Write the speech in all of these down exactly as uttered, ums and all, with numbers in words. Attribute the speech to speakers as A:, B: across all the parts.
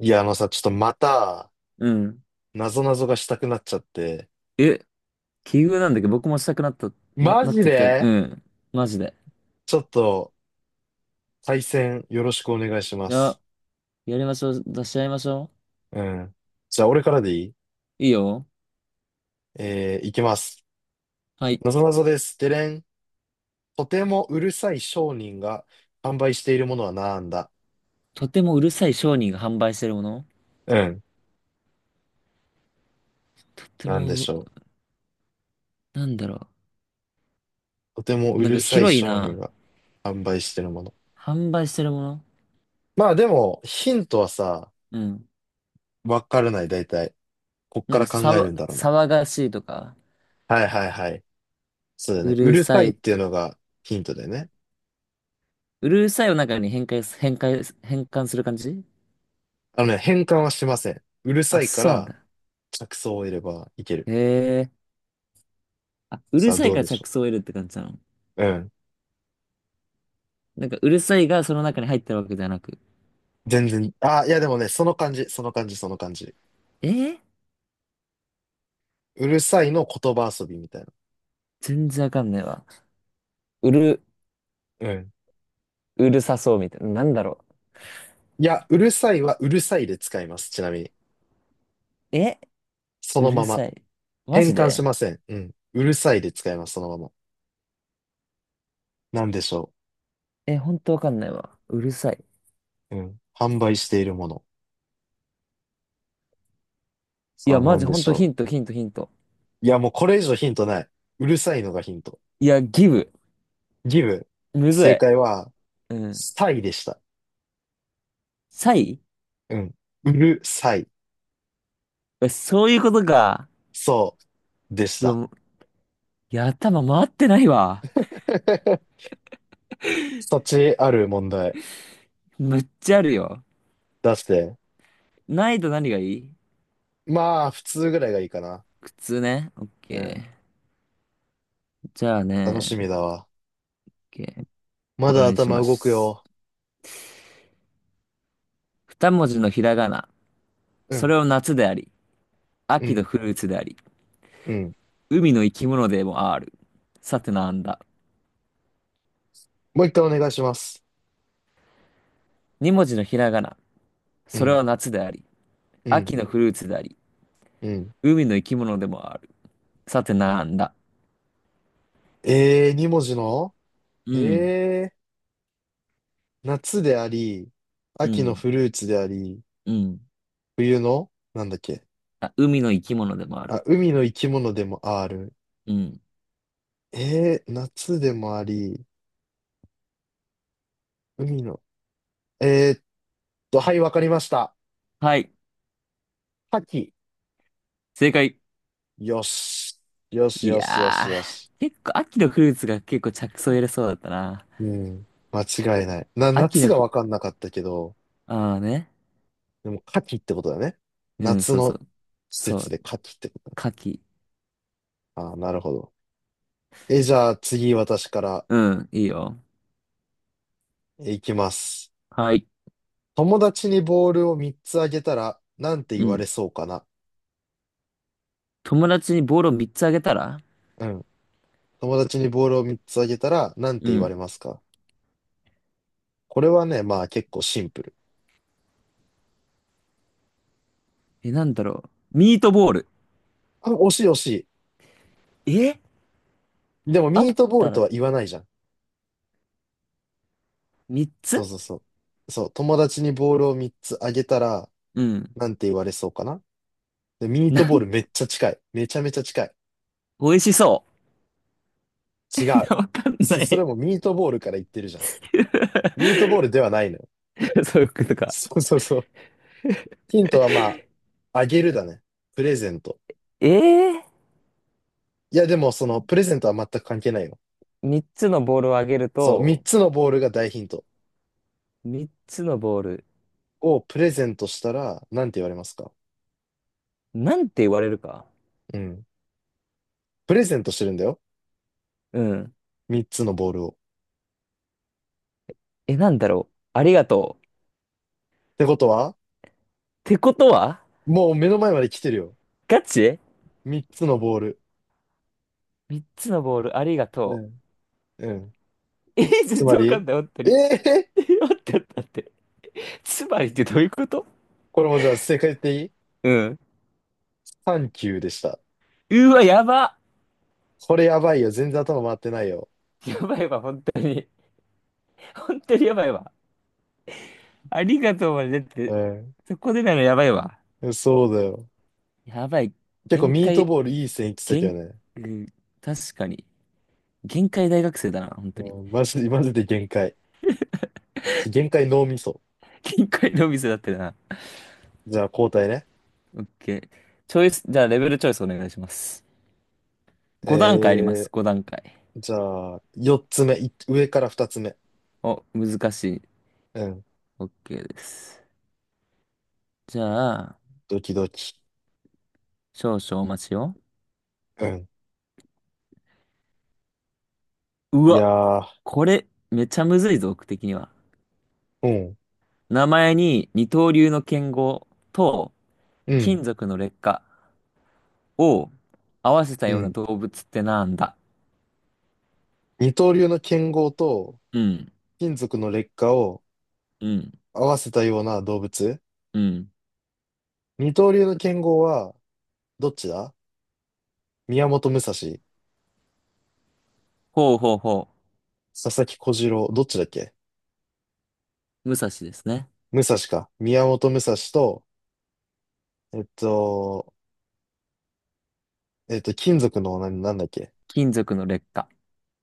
A: いや、あのさ、ちょっとまた、
B: うん。
A: なぞなぞがしたくなっちゃって、
B: え、奇遇なんだけど、僕もしたくなった、な、
A: マ
B: なっ
A: ジ
B: てきた。う
A: で
B: ん。マジで。
A: ちょっと、対戦よろしくお願いしま
B: いや、
A: す。
B: やりましょう。出し合いましょ
A: うん。じゃあ、俺からでいい？
B: う。いいよ。
A: えー、いきます。
B: はい。
A: なぞなぞです。でれん。とてもうるさい商人が販売しているものはなんだ？
B: とてもうるさい商人が販売してるもの。
A: うん。
B: とて
A: なんでし
B: も、
A: ょ
B: なんだろ
A: う。とても
B: う。
A: う
B: なん
A: る
B: か
A: さい
B: 広い
A: 商人
B: な。
A: が販売しているもの。
B: 販売してるもの。
A: まあでも、ヒントはさ、
B: うん。
A: わからない、大体。こっ
B: な
A: か
B: んか
A: ら考
B: さ
A: え
B: わ、
A: るんだろうな。
B: 騒がしいとか、
A: はいはいはい。そうだ
B: う
A: ね。う
B: る
A: る
B: さ
A: さいっ
B: い
A: ていう
B: と。
A: のがヒントだよね。
B: うるさいを中に変換す、変換、変換する感じ。
A: あのね、変換はしません。うる
B: あ、
A: さいか
B: そうなん
A: ら、
B: だ。
A: 着想を得ればいける。
B: へえ。あ、う
A: さ
B: る
A: あ、
B: さい
A: どう
B: から
A: でしょ
B: 着想を得るって感じなの。
A: う。うん。
B: なんかうるさいがその中に入ってるわけじゃなく。
A: 全然、あ、いやでもね、その感じ、その感じ、その感じ。
B: え、
A: うるさいの言葉遊びみたいな。
B: 全然わかんないわ。うる、
A: うん。
B: うるさそうみたいな。なんだろ
A: いや、うるさいはうるさいで使います。ちなみに。
B: う。え、
A: そ
B: う
A: の
B: る
A: まま。
B: さい。マ
A: 変
B: ジ
A: 換し
B: で。
A: ません。うん。うるさいで使います。そのまま。なんでしょ
B: え、ほんとわかんないわ。うるさい。
A: う。うん。販売しているもの。
B: い
A: さ
B: や、
A: あ、な
B: マ
A: ん
B: ジ
A: で
B: ほん
A: し
B: とヒ
A: ょ
B: ント、ヒント、ヒント。
A: う。いや、もうこれ以上ヒントない。うるさいのがヒント。
B: いや、ギブ。
A: ギブ。
B: むず
A: 正
B: い。
A: 解は、
B: うん。
A: サイでした。
B: サイ。
A: うん。うるさい。
B: え、そういうことか。
A: そう、でし
B: うわ、
A: た。
B: もう。いや、頭回ってないわ。
A: そっちある問題？
B: むっちゃあるよ。
A: 出して。
B: ないと何がいい。
A: まあ、普通ぐらいがいいかな。
B: 靴ね。オッ
A: うん。
B: ケー。じゃあ
A: 楽
B: ね。
A: し
B: オ
A: みだ
B: ッ
A: わ。
B: ケー。
A: ま
B: こ
A: だ
B: れにし
A: 頭
B: ま
A: 動く
B: す。
A: よ。
B: 二文字のひらがな。
A: う
B: そ
A: ん、
B: れを夏であり、
A: う
B: 秋の
A: ん、
B: フルーツであり。
A: うん。
B: 海の生き物でもある。さてなんだ。
A: もう一回お願いします。
B: 二文字のひらがな。
A: う
B: それ
A: ん、
B: は夏であり、
A: うん、
B: 秋のフルーツであり、
A: うん。
B: 海の生き物でもある。さてなんだ。
A: えー、二文字の
B: うん、
A: えー、夏であり、
B: う
A: 秋の
B: ん、
A: フルーツであり、
B: うん。
A: 冬のなんだっけ？
B: あ、海の生き物でもある。
A: あ、海の生き物でもある。
B: うん。
A: えー、夏でもあり、海の。えーっと、はい、わかりました。
B: はい、
A: 牡蠣。
B: 正解。
A: よし。よし
B: い
A: よしよし
B: や
A: よし。
B: ー、結構秋のフルーツが結構着想入れそうだったな。
A: うん。間違いない。な、
B: 秋
A: 夏
B: の
A: が
B: フ、
A: わかんなかったけど、
B: ああね。
A: でも、夏季ってことだね。
B: うん、
A: 夏
B: そうそ
A: の
B: う。
A: 施
B: そ
A: 設
B: う、
A: で夏季ってことだ。
B: 牡蠣。
A: ああ、なるほど。え、じゃあ次私から？
B: うん、いいよ。
A: えいきます。
B: はい。
A: 友達にボールをみっつあげたら、なんて言
B: う
A: わ
B: ん。
A: れそうかな。
B: 友達にボールをみっつあげたら。
A: うん。友達にボールをみっつあげたら、なん
B: う
A: て言わ
B: ん。
A: れますか？これはね、まあ結構シンプル。
B: え、なんだろう。ミートボール。
A: あ、惜しい惜し
B: え、
A: い。でも
B: あっ
A: ミートボー
B: た
A: ルと
B: ら、
A: は言わないじゃん。
B: 3
A: そう
B: つ
A: そうそう。そう、友達にボールをみっつあげたら、
B: うん。
A: なんて言われそうかな。で、ミー
B: な
A: トボー
B: ん、
A: ルめっちゃ近い。めちゃめちゃ近い。
B: 美味しそう。
A: 違
B: い
A: う。
B: やわかんな
A: そ、それ
B: い。
A: もミートボールから言ってるじゃん。ミートボールでは ないのよ。
B: そういうこと か。
A: そうそうそう。ヒントはまあ、あげるだね。プレゼント。
B: ええ
A: いや、でもその、プレゼントは全く関係ないよ。
B: ー、みっつのボールをあげる
A: そう、3
B: と、
A: つのボールが大ヒント。
B: みっつのボール、
A: をプレゼントしたら、なんて言われますか？
B: なんて言われるか。
A: うん。プレゼントしてるんだよ。
B: うん。
A: みっつのボールを。
B: え、なんだろう。ありがとう。っ
A: ってことは、
B: てことは、
A: もう目の前まで来てるよ。
B: ガチ
A: みっつのボール。
B: ?みっつ つのボール、ありがと
A: うん。
B: う。えー、
A: つ
B: 全
A: ま
B: 然わかん
A: り、
B: ない、本当
A: え
B: に。
A: え、
B: えー待って待って待って。つまりってどういうこと。
A: これもじゃあ正解言っていい？
B: うん。
A: さん 級でした。
B: うわ、やば。
A: これやばいよ。全然頭回ってないよ。
B: やばいわ、本当に。本当にやばいわ。ありがとうまで、って、
A: う
B: そこでないのやばいわ。
A: ん。そうだよ。
B: やばい。
A: 結構
B: 限
A: ミート
B: 界、
A: ボールいい線いってたけど
B: 限、
A: ね。
B: うん、確かに。限界大学生だな、本
A: う
B: 当に。
A: ん、マジで、マジで限界。限界脳みそ。
B: 限界のお店だってな。
A: じゃあ交代ね。
B: オッケー。チョイス、じゃあレベルチョイスお願いします。ご段階あります、
A: えー、
B: ご段階。
A: じゃあ、よっつめ。い上からふたつめ。
B: お、難しい。
A: うん。
B: オッケーです。じゃあ、
A: ドキドキ。
B: 少々お待ちを。
A: うん。
B: う
A: いや
B: わ、
A: ー、
B: これ、めちゃむずいぞ、僕的には。
A: うん、
B: 名前に二刀流の剣豪と、
A: うん、
B: 金属の劣化。を合わせた
A: う
B: ような
A: ん。
B: 動物ってなんだ。
A: 二刀流の剣豪と
B: うん、
A: 金属の劣化を
B: うん、
A: 合わせたような動物？
B: うん。
A: 二刀流の剣豪は、どっちだ？宮本武蔵、佐
B: ほうほうほ
A: 々木小次郎、どっちだっけ？
B: う。武蔵ですね。
A: 武蔵か。宮本武蔵と、えっと、えっと、金属の、な、なんだっけ？
B: 金属の劣化。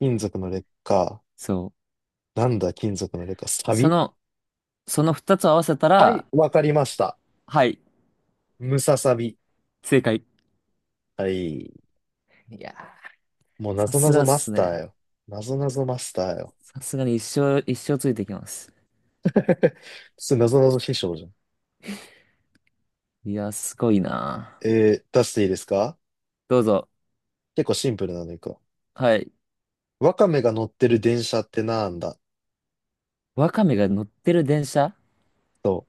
A: 金属の劣化。
B: そう。
A: なんだ、金属の劣化。サ
B: そ
A: ビ。
B: の、その二つを合わせた
A: は
B: ら、
A: い、わかりました。
B: はい、
A: ムササビ。
B: 正解。
A: はい。
B: いやー、
A: もう、な
B: さ
A: ぞな
B: すが
A: ぞ
B: っ
A: マス
B: す
A: ター
B: ね。
A: よ。なぞなぞマスターよ。
B: さすがに一生、一生ついてきます。
A: すなぞなぞ師匠じゃん。
B: いやー、すごいな
A: えー、出していいですか？
B: ー。どうぞ。
A: 結構シンプルなのいくわ。
B: はい。
A: わかめが乗ってる電車ってなんだ？
B: ワカメが乗ってる電車。
A: そ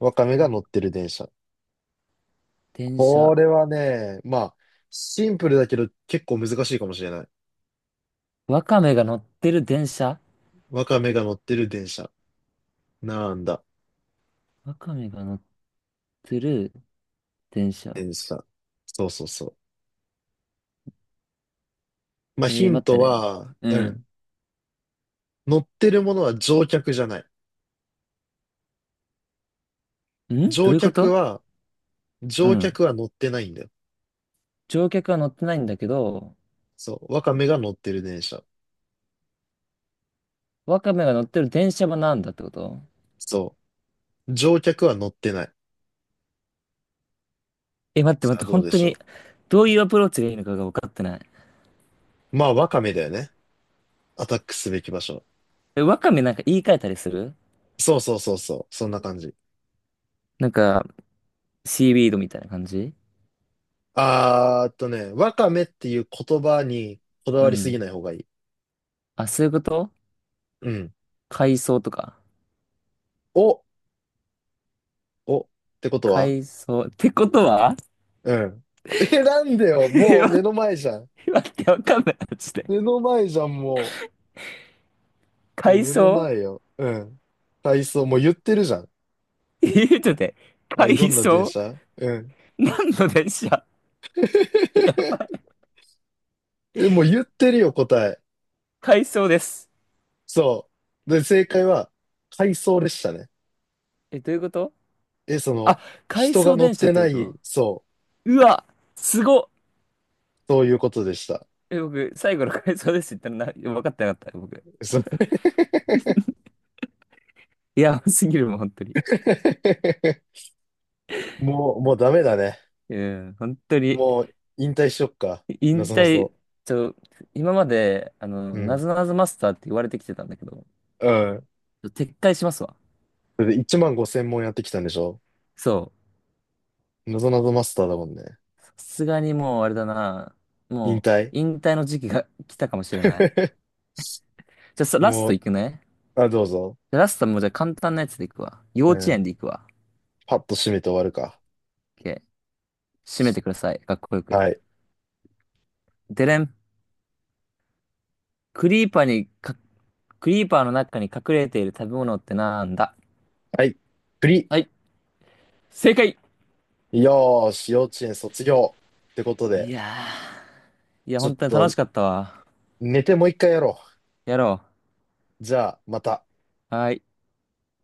A: う。わかめが
B: わ、
A: 乗ってる電車。
B: 電
A: こ
B: 車。
A: れはね、まあ、シンプルだけど結構難しいかもしれない。
B: ワカメが乗ってる電車
A: ワカメが乗ってる電車。なんだ、
B: ワカメが乗ってる電車。
A: 電車。そうそうそう。まあ、ヒ
B: えー、
A: ン
B: 待っ
A: ト
B: てね。
A: は、
B: う
A: うん。
B: ん。
A: 乗ってるものは乗客じゃない。
B: ん、ど
A: 乗
B: ういうこ
A: 客
B: と。
A: は、
B: う
A: 乗
B: ん。
A: 客は乗ってないんだよ。
B: 乗客は乗ってないんだけど、
A: そう。ワカメが乗ってる電車。
B: ワカメが乗ってる電車はなんだってこと。
A: そう。乗客は乗ってない。
B: え、待って待
A: さ
B: っ
A: あ、
B: て、
A: どう
B: 本
A: で
B: 当
A: し
B: に、
A: ょ
B: どういうアプローチがいいのかが分かってない。
A: う。まあ、ワカメだよね。アタックすべき場所。
B: え、ワカメなんか言い換えたりする。
A: そうそうそうそう。そんな感じ。
B: なんか、シーウィードみたいな感じ。
A: あーっとね、ワカメっていう言葉にこだ
B: う
A: わりすぎ
B: ん。
A: ない方がいい。
B: あ、そういうこと。
A: うん。
B: 海藻とか。
A: お、お、ってことは？
B: 海藻。ってことは。
A: うん。え、なんでよ、
B: え、
A: もう目の前じゃん。
B: 待って待って、わかんない。マジで。
A: 目の前じゃん、もう。いや、
B: 海
A: 目の
B: 藻。
A: 前よ。うん。体操、もう言ってるじゃん。
B: え、ちょっと待って。
A: はい、
B: 海
A: どんな電
B: 藻。
A: 車？うん。
B: 何の電車。やばい。
A: え、もう言ってるよ、答え。
B: 海藻です。
A: そう。で、正解は、回送でしたね。
B: え、どういうこと。
A: え、そ
B: あ、
A: の、
B: 回
A: 人が
B: 送
A: 乗っ
B: 電車っ
A: て
B: て
A: な
B: こ
A: い、
B: と。
A: そう、
B: うわ、すごっ。
A: そういうことでした。
B: え、僕、最後の回想ですって言ったらな、分かってなかった、僕。
A: そう
B: いや、すぎるもん、本当に。
A: もう、もうダメだね。
B: うん、本当に。
A: もう、引退しよっか。な
B: 引
A: ぞな
B: 退、
A: ぞ。
B: ちょ、今まで、あ
A: う
B: の、な
A: ん。
B: ぞなぞマスターって言われてきてたんだけど、
A: うん。
B: 撤回しますわ。
A: それでいちまんごせん問やってきたんでしょ？
B: そ
A: なぞなぞマスターだもんね。
B: う。さすがにもう、あれだな。
A: 引
B: もう、
A: 退
B: 引退の時期が来たかもしれない。じゃあ、さラス
A: も
B: トい
A: う、
B: くね。
A: あ、どうぞ。
B: じゃあラストもうじゃあ簡単なやつでいくわ。幼
A: う
B: 稚園
A: ん。
B: でいくわ。
A: パッと締めて終わるか？
B: OK。締めてください。かっこよく。
A: はい。
B: でれん。クリーパーにかクリーパーの中に隠れている食べ物ってなんだ。
A: はい。プリ。
B: はい、正解。
A: よーし、幼稚園卒業。ってこと
B: い
A: で、
B: やー。いや、
A: ちょ
B: 本
A: っ
B: 当に楽
A: と
B: しかったわ。
A: 寝てもう一回やろ
B: やろ
A: う。じゃあ、また。
B: う。はーい。